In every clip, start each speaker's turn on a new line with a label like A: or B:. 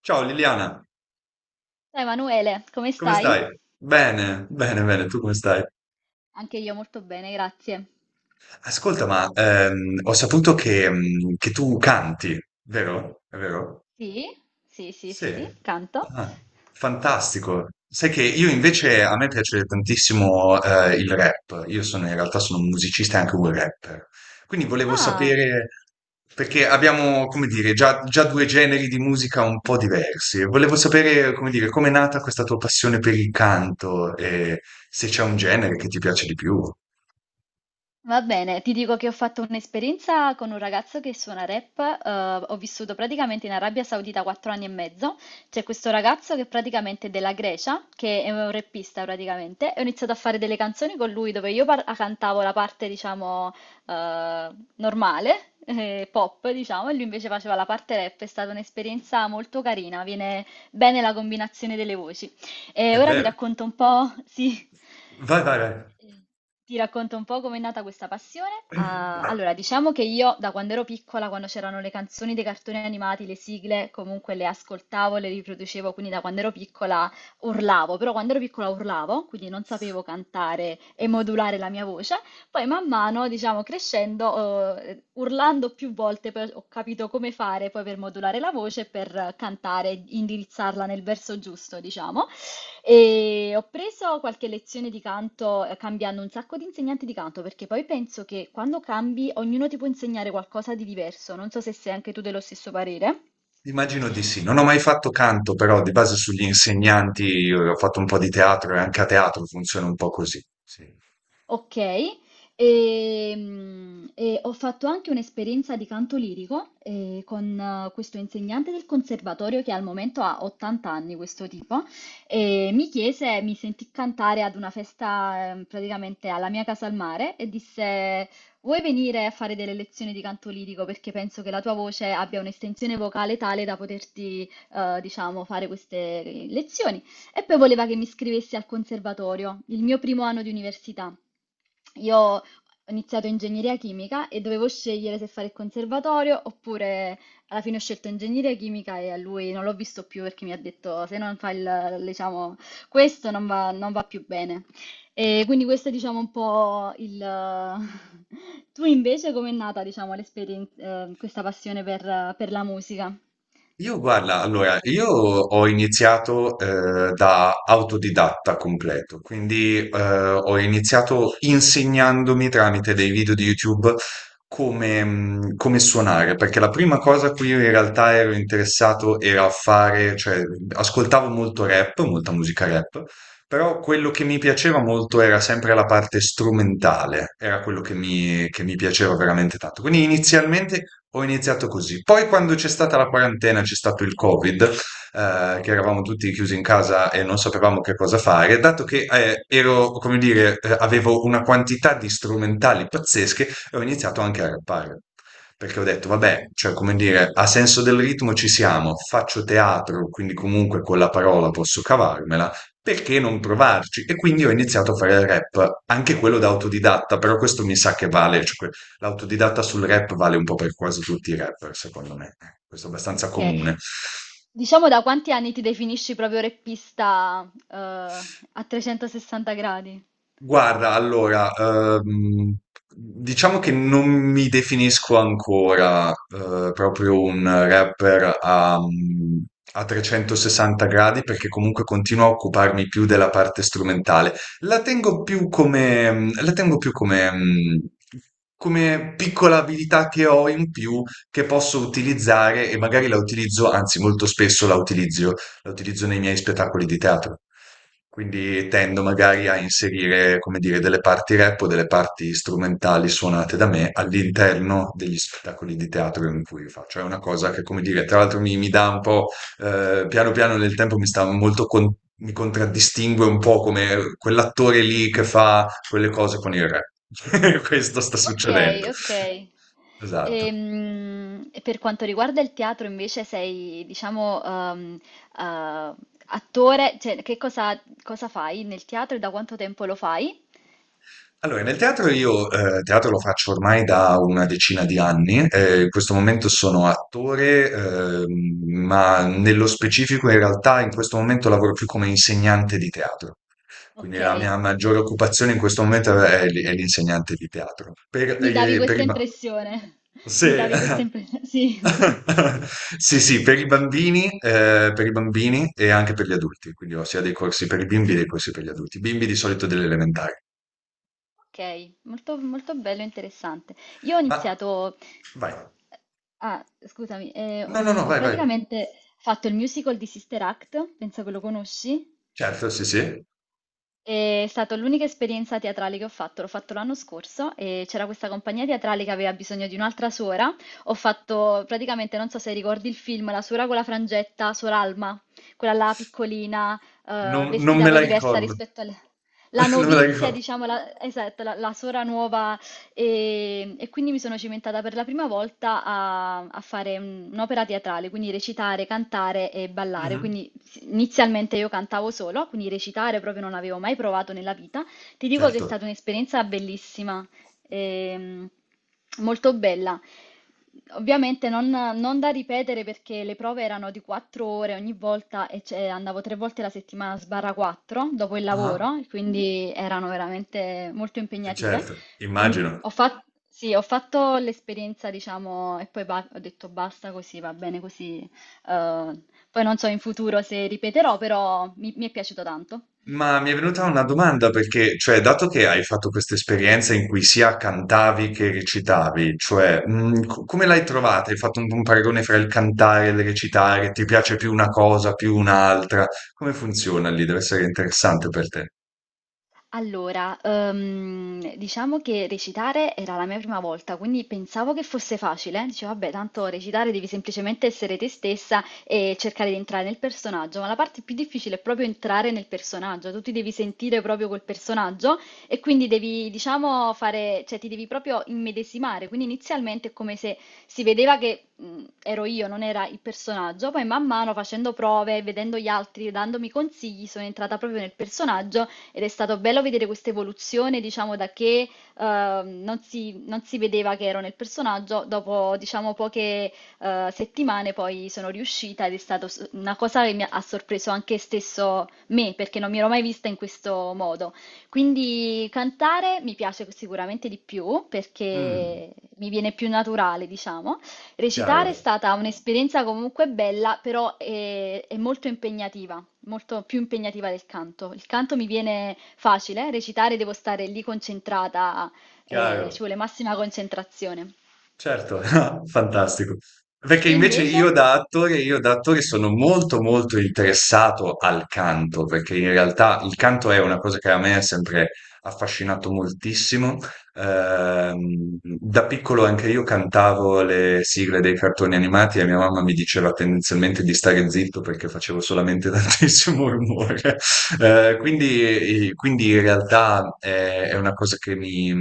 A: Ciao Liliana,
B: Ciao Emanuele, come
A: come
B: stai?
A: stai? Bene, bene, bene, tu come stai?
B: Anche io molto bene, grazie.
A: Ascolta, ma ho saputo che, che tu canti, vero? È vero?
B: Sì, sì, sì,
A: Sì,
B: sì, canto.
A: ah, fantastico. Sai che io invece a me piace tantissimo il rap, io sono in realtà sono un musicista e anche un rapper, quindi volevo
B: Ah,
A: sapere, perché abbiamo, come dire, già due generi di musica un po' diversi, volevo sapere, come dire, com'è nata questa tua passione per il canto e se c'è un genere che ti piace di più.
B: va bene, ti dico che ho fatto un'esperienza con un ragazzo che suona rap. Ho vissuto praticamente in Arabia Saudita 4 anni e mezzo. C'è questo ragazzo che praticamente è della Grecia, che è un rappista praticamente, e ho iniziato a fare delle canzoni con lui dove io cantavo la parte, diciamo, eh, normale, pop, diciamo, e lui invece faceva la parte rap. È stata un'esperienza molto carina, viene bene la combinazione delle voci.
A: È
B: E ora ti
A: vero,
B: racconto un po', sì,
A: vai, vai, vai.
B: eh, ti racconto un po' com'è nata questa passione. Ah, allora, diciamo che io, da quando ero piccola, quando c'erano le canzoni dei cartoni animati, le sigle, comunque le ascoltavo, le riproducevo, quindi da quando ero piccola urlavo, però quando ero piccola urlavo, quindi non sapevo cantare e modulare la mia voce. Poi man mano, diciamo, crescendo, urlando più volte, poi ho capito come fare poi per modulare la voce, e per cantare, indirizzarla nel verso giusto, diciamo. E ho preso qualche lezione di canto, cambiando un sacco di insegnanti di canto, perché poi penso che quando cambi ognuno ti può insegnare qualcosa di diverso. Non so se sei anche tu dello stesso parere.
A: Immagino di sì. Non ho mai fatto canto, però di base sugli insegnanti ho fatto un po' di teatro e anche a teatro funziona un po' così. Sì.
B: Okay. E ho fatto anche un'esperienza di canto lirico, con questo insegnante del conservatorio che al momento ha 80 anni, questo tipo, e mi sentì cantare ad una festa, praticamente alla mia casa al mare, e disse: "Vuoi venire a fare delle lezioni di canto lirico? Perché penso che la tua voce abbia un'estensione vocale tale da poterti, diciamo, fare queste lezioni". E poi voleva che mi iscrivessi al conservatorio, il mio primo anno di università. Io ho iniziato ingegneria chimica e dovevo scegliere se fare il conservatorio oppure. Alla fine ho scelto ingegneria chimica e a lui non l'ho visto più, perché mi ha detto, se non fai diciamo, questo non va, non va più bene. E quindi questo è, diciamo, un po' il. Tu invece com'è nata, diciamo, questa passione per la musica?
A: Io guarda, allora, io ho iniziato da autodidatta completo, quindi ho iniziato insegnandomi tramite dei video di YouTube come, come suonare, perché la prima cosa a cui io in realtà ero interessato era a fare, cioè ascoltavo molto rap, molta musica rap. Però quello che mi piaceva molto era sempre la parte strumentale, era quello che che mi piaceva veramente tanto. Quindi inizialmente ho iniziato così. Poi quando c'è stata la quarantena, c'è stato il Covid, che eravamo tutti chiusi in casa e non sapevamo che cosa fare, dato che ero, come dire, avevo una quantità di strumentali pazzesche, ho iniziato anche a rappare. Perché ho detto, vabbè, cioè, come dire, a senso del ritmo ci siamo, faccio teatro, quindi comunque con la parola posso cavarmela perché non provarci? E quindi ho iniziato a fare il rap, anche quello da autodidatta, però questo mi sa che vale, l'autodidatta sul rap vale un po' per quasi tutti i rapper, secondo me. Questo è abbastanza
B: Ok,
A: comune.
B: diciamo, da quanti anni ti definisci proprio reppista, a 360 gradi?
A: Guarda, allora, diciamo che non mi definisco ancora proprio un rapper a, a 360 gradi perché comunque continuo a occuparmi più della parte strumentale. La tengo più come, la tengo più come, come piccola abilità che ho in più che posso utilizzare e magari la utilizzo, anzi molto spesso la utilizzo nei miei spettacoli di teatro. Quindi tendo magari a inserire, come dire, delle parti rap o delle parti strumentali suonate da me all'interno degli spettacoli di teatro in cui faccio. È una cosa che, come dire, tra l'altro mi dà un po', piano piano nel tempo mi contraddistingue un po' come quell'attore lì che fa quelle cose con il rap. Questo sta
B: Ok,
A: succedendo.
B: ok.
A: Esatto.
B: E, per quanto riguarda il teatro, invece, sei, diciamo, eh, attore, cioè, cosa fai nel teatro e da quanto tempo lo fai?
A: Allora, nel teatro io teatro lo faccio ormai da una decina di anni, in questo momento sono attore, ma nello specifico in realtà in questo momento lavoro più come insegnante di teatro. Quindi
B: Ok,
A: la mia maggiore occupazione in questo momento è l'insegnante di teatro.
B: mi davi
A: Per
B: questa
A: i ba-
B: impressione. Mi
A: se-
B: davi questa impressione, sì.
A: Sì, sì, per i bambini e anche per gli adulti, quindi ho sia dei corsi per i bimbi che dei corsi per gli adulti, bimbi di solito delle elementari.
B: Ok, molto, molto bello e interessante. Io ho
A: Ma
B: iniziato.
A: vai.
B: Ah, scusami,
A: No, no, no,
B: ho
A: vai, vai.
B: praticamente fatto il musical di Sister Act, penso che lo conosci.
A: Certo, sì, sì.
B: È stata l'unica esperienza teatrale che ho fatto, l'ho fatto l'anno scorso, e c'era questa compagnia teatrale che aveva bisogno di un'altra suora. Ho fatto praticamente, non so se ricordi il film, la suora con la frangetta, Sor Alma, quella là piccolina,
A: Non
B: vestita
A: me
B: poi
A: la
B: diversa
A: ricordo.
B: rispetto alla
A: Non me la
B: novizia,
A: ricordo.
B: diciamo, la, esatto, la suora nuova, e quindi mi sono cimentata per la prima volta a fare un'opera teatrale, quindi recitare, cantare e ballare.
A: Mhm.
B: Quindi inizialmente io cantavo solo, quindi recitare proprio non avevo mai provato nella vita. Ti dico che è
A: Certo.
B: stata un'esperienza bellissima, ehm, molto bella. Ovviamente non da ripetere, perché le prove erano di 4 ore ogni volta e, cioè, andavo tre volte la settimana sbarra 4 dopo il
A: Ah,
B: lavoro, quindi erano veramente molto impegnative.
A: certo,
B: Quindi
A: immagino.
B: ho fatto, sì, ho fatto l'esperienza, diciamo, e poi ho detto basta così, va bene così. Eh, Poi non so in futuro se ripeterò, però mi è piaciuto tanto.
A: Ma mi è venuta una domanda perché, cioè, dato che hai fatto questa esperienza in cui sia cantavi che recitavi, cioè, come l'hai trovata? Hai fatto un paragone fra il cantare e il recitare? Ti piace più una cosa, più un'altra? Come funziona lì? Deve essere interessante per te.
B: Allora, diciamo che recitare era la mia prima volta, quindi pensavo che fosse facile. Dicevo, vabbè, tanto recitare devi semplicemente essere te stessa e cercare di entrare nel personaggio, ma la parte più difficile è proprio entrare nel personaggio, tu ti devi sentire proprio col personaggio, e quindi devi, diciamo, fare, cioè ti devi proprio immedesimare. Quindi inizialmente è come se si vedeva che, ero io, non era il personaggio, poi man mano facendo prove, vedendo gli altri, dandomi consigli, sono entrata proprio nel personaggio, ed è stato bello vedere questa evoluzione, diciamo, da che non si vedeva che ero nel personaggio, dopo, diciamo, poche settimane poi sono riuscita ed è stata una cosa che mi ha sorpreso anche stesso me, perché non mi ero mai vista in questo modo. Quindi cantare mi piace sicuramente di più,
A: Mm,
B: perché mi viene più naturale, diciamo. Recitare è
A: chiaro,
B: stata un'esperienza comunque bella, però è molto impegnativa, molto più impegnativa del canto. Il canto mi viene facile, recitare devo stare lì concentrata, ci
A: chiaro.
B: vuole massima concentrazione.
A: Certo, fantastico. Perché
B: Te
A: invece
B: invece?
A: io da attore sono molto molto interessato al canto, perché in realtà il canto è una cosa che a me ha sempre affascinato moltissimo. Da piccolo anche io cantavo le sigle dei cartoni animati e mia mamma mi diceva tendenzialmente di stare zitto perché facevo solamente tantissimo rumore. Quindi in realtà è una cosa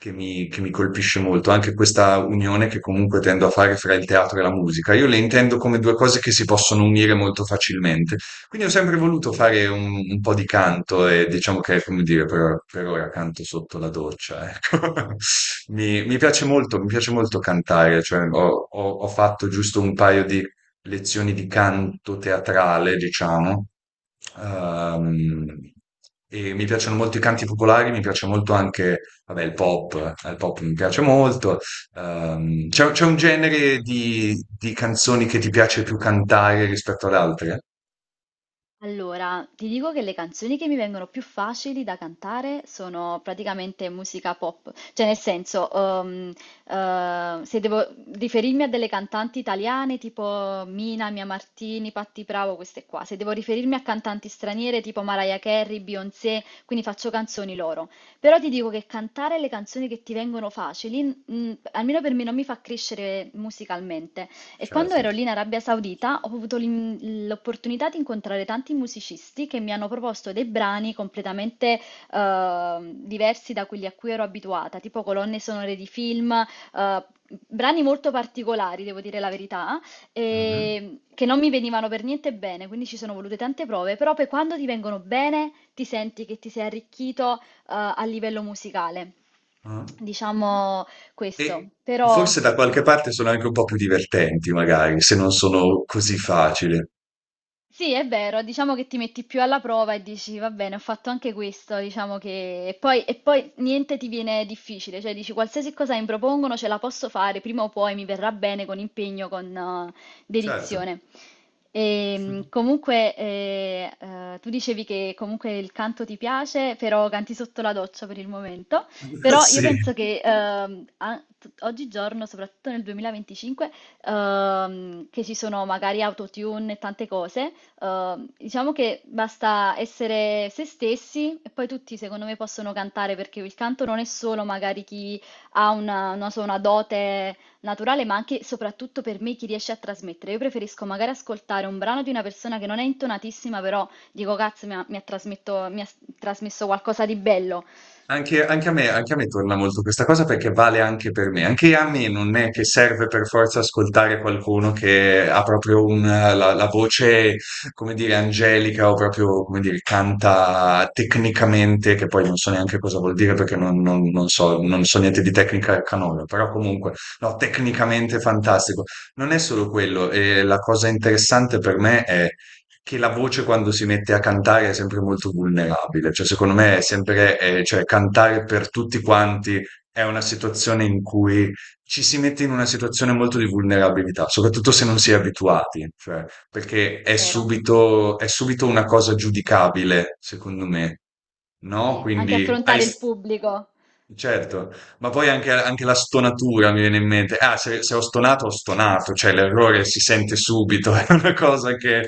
A: che che mi colpisce molto, anche questa unione che comunque tendo a fare fra il teatro e la musica. Io le intendo come due cose che si possono unire molto facilmente. Quindi ho sempre voluto fare un po' di canto e diciamo che, come dire, per ora canto sotto la doccia, ecco. Mi piace molto cantare, cioè ho fatto giusto un paio di lezioni di canto teatrale, diciamo. Ehm, e mi piacciono molto i canti popolari, mi piace molto anche vabbè, il pop mi piace molto. C'è un genere di canzoni che ti piace più cantare rispetto ad altre?
B: Allora, ti dico che le canzoni che mi vengono più facili da cantare sono praticamente musica pop, cioè nel senso, se devo riferirmi a delle cantanti italiane tipo Mina, Mia Martini, Patti Bravo, queste qua, se devo riferirmi a cantanti straniere tipo Mariah Carey, Beyoncé, quindi faccio canzoni loro. Però ti dico che cantare le canzoni che ti vengono facili, almeno per me, non mi fa crescere musicalmente. E quando
A: Certo.
B: ero lì in Arabia Saudita ho avuto l'opportunità di incontrare tanti musicisti che mi hanno proposto dei brani completamente diversi da quelli a cui ero abituata, tipo colonne sonore di film, brani molto particolari, devo dire la verità,
A: Mhm,
B: e che non mi venivano per niente bene, quindi ci sono volute tante prove, però poi quando ti vengono bene ti senti che ti sei arricchito, a livello musicale.
A: mhm.
B: Diciamo
A: E
B: questo, però
A: forse da
B: sì.
A: qualche parte sono anche un po' più divertenti, magari, se non sono così facili.
B: Sì, è vero, diciamo che ti metti più alla prova e dici, va bene, ho fatto anche questo, diciamo che. E poi niente ti viene difficile, cioè dici, qualsiasi cosa mi propongono ce la posso fare, prima o poi mi verrà bene con impegno, con
A: Certo.
B: dedizione. E, comunque, tu dicevi che comunque il canto ti piace, però canti sotto la doccia per il momento, però io
A: Sì.
B: penso che oggigiorno, soprattutto nel 2025, che ci sono magari autotune e tante cose. Diciamo che basta essere se stessi e poi tutti, secondo me, possono cantare, perché il canto non è solo magari chi ha una, non so, una dote naturale, ma anche e soprattutto, per me, chi riesce a trasmettere. Io preferisco magari ascoltare un brano di una persona che non è intonatissima, però dico, cazzo, mi ha trasmesso qualcosa di bello,
A: Anche a me torna molto questa cosa perché vale anche per me. Anche a me non è che serve per forza ascoltare qualcuno che ha proprio la voce, come dire, angelica o proprio, come dire, canta tecnicamente, che poi non so neanche cosa vuol dire perché non so, non so niente di tecnica canora, però comunque, no, tecnicamente fantastico. Non è solo quello, e la cosa interessante per me è che la voce quando si mette a cantare è sempre molto vulnerabile, cioè secondo me è sempre, cioè cantare per tutti quanti è una situazione in cui ci si mette in una situazione molto di vulnerabilità, soprattutto se non si è abituati, cioè, perché
B: vero?
A: è subito una cosa giudicabile, secondo me, no?
B: Sì, anche
A: Quindi hai,
B: affrontare il pubblico.
A: certo, ma poi anche, anche la stonatura mi viene in mente. Ah, se ho stonato, ho stonato, cioè l'errore si sente subito, è una cosa
B: Ci-
A: che...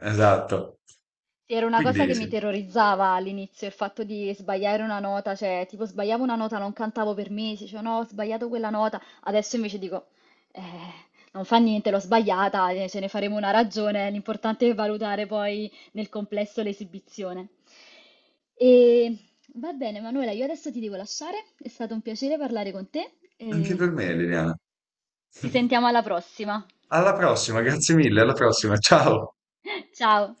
A: Esatto.
B: Sì, era una cosa
A: Quindi
B: che mi
A: sì,
B: terrorizzava all'inizio, il fatto di sbagliare una nota, cioè tipo sbagliavo una nota, non cantavo per mesi, cioè no, ho sbagliato quella nota, adesso invece dico, eh, non fa niente, l'ho sbagliata, ce ne faremo una ragione, l'importante è valutare poi nel complesso l'esibizione. E va bene, Manuela, io adesso ti devo lasciare, è stato un piacere parlare con te
A: anche per
B: e
A: me, Liliana.
B: ci sentiamo alla prossima.
A: Alla prossima, grazie mille, alla prossima, ciao.
B: Ciao.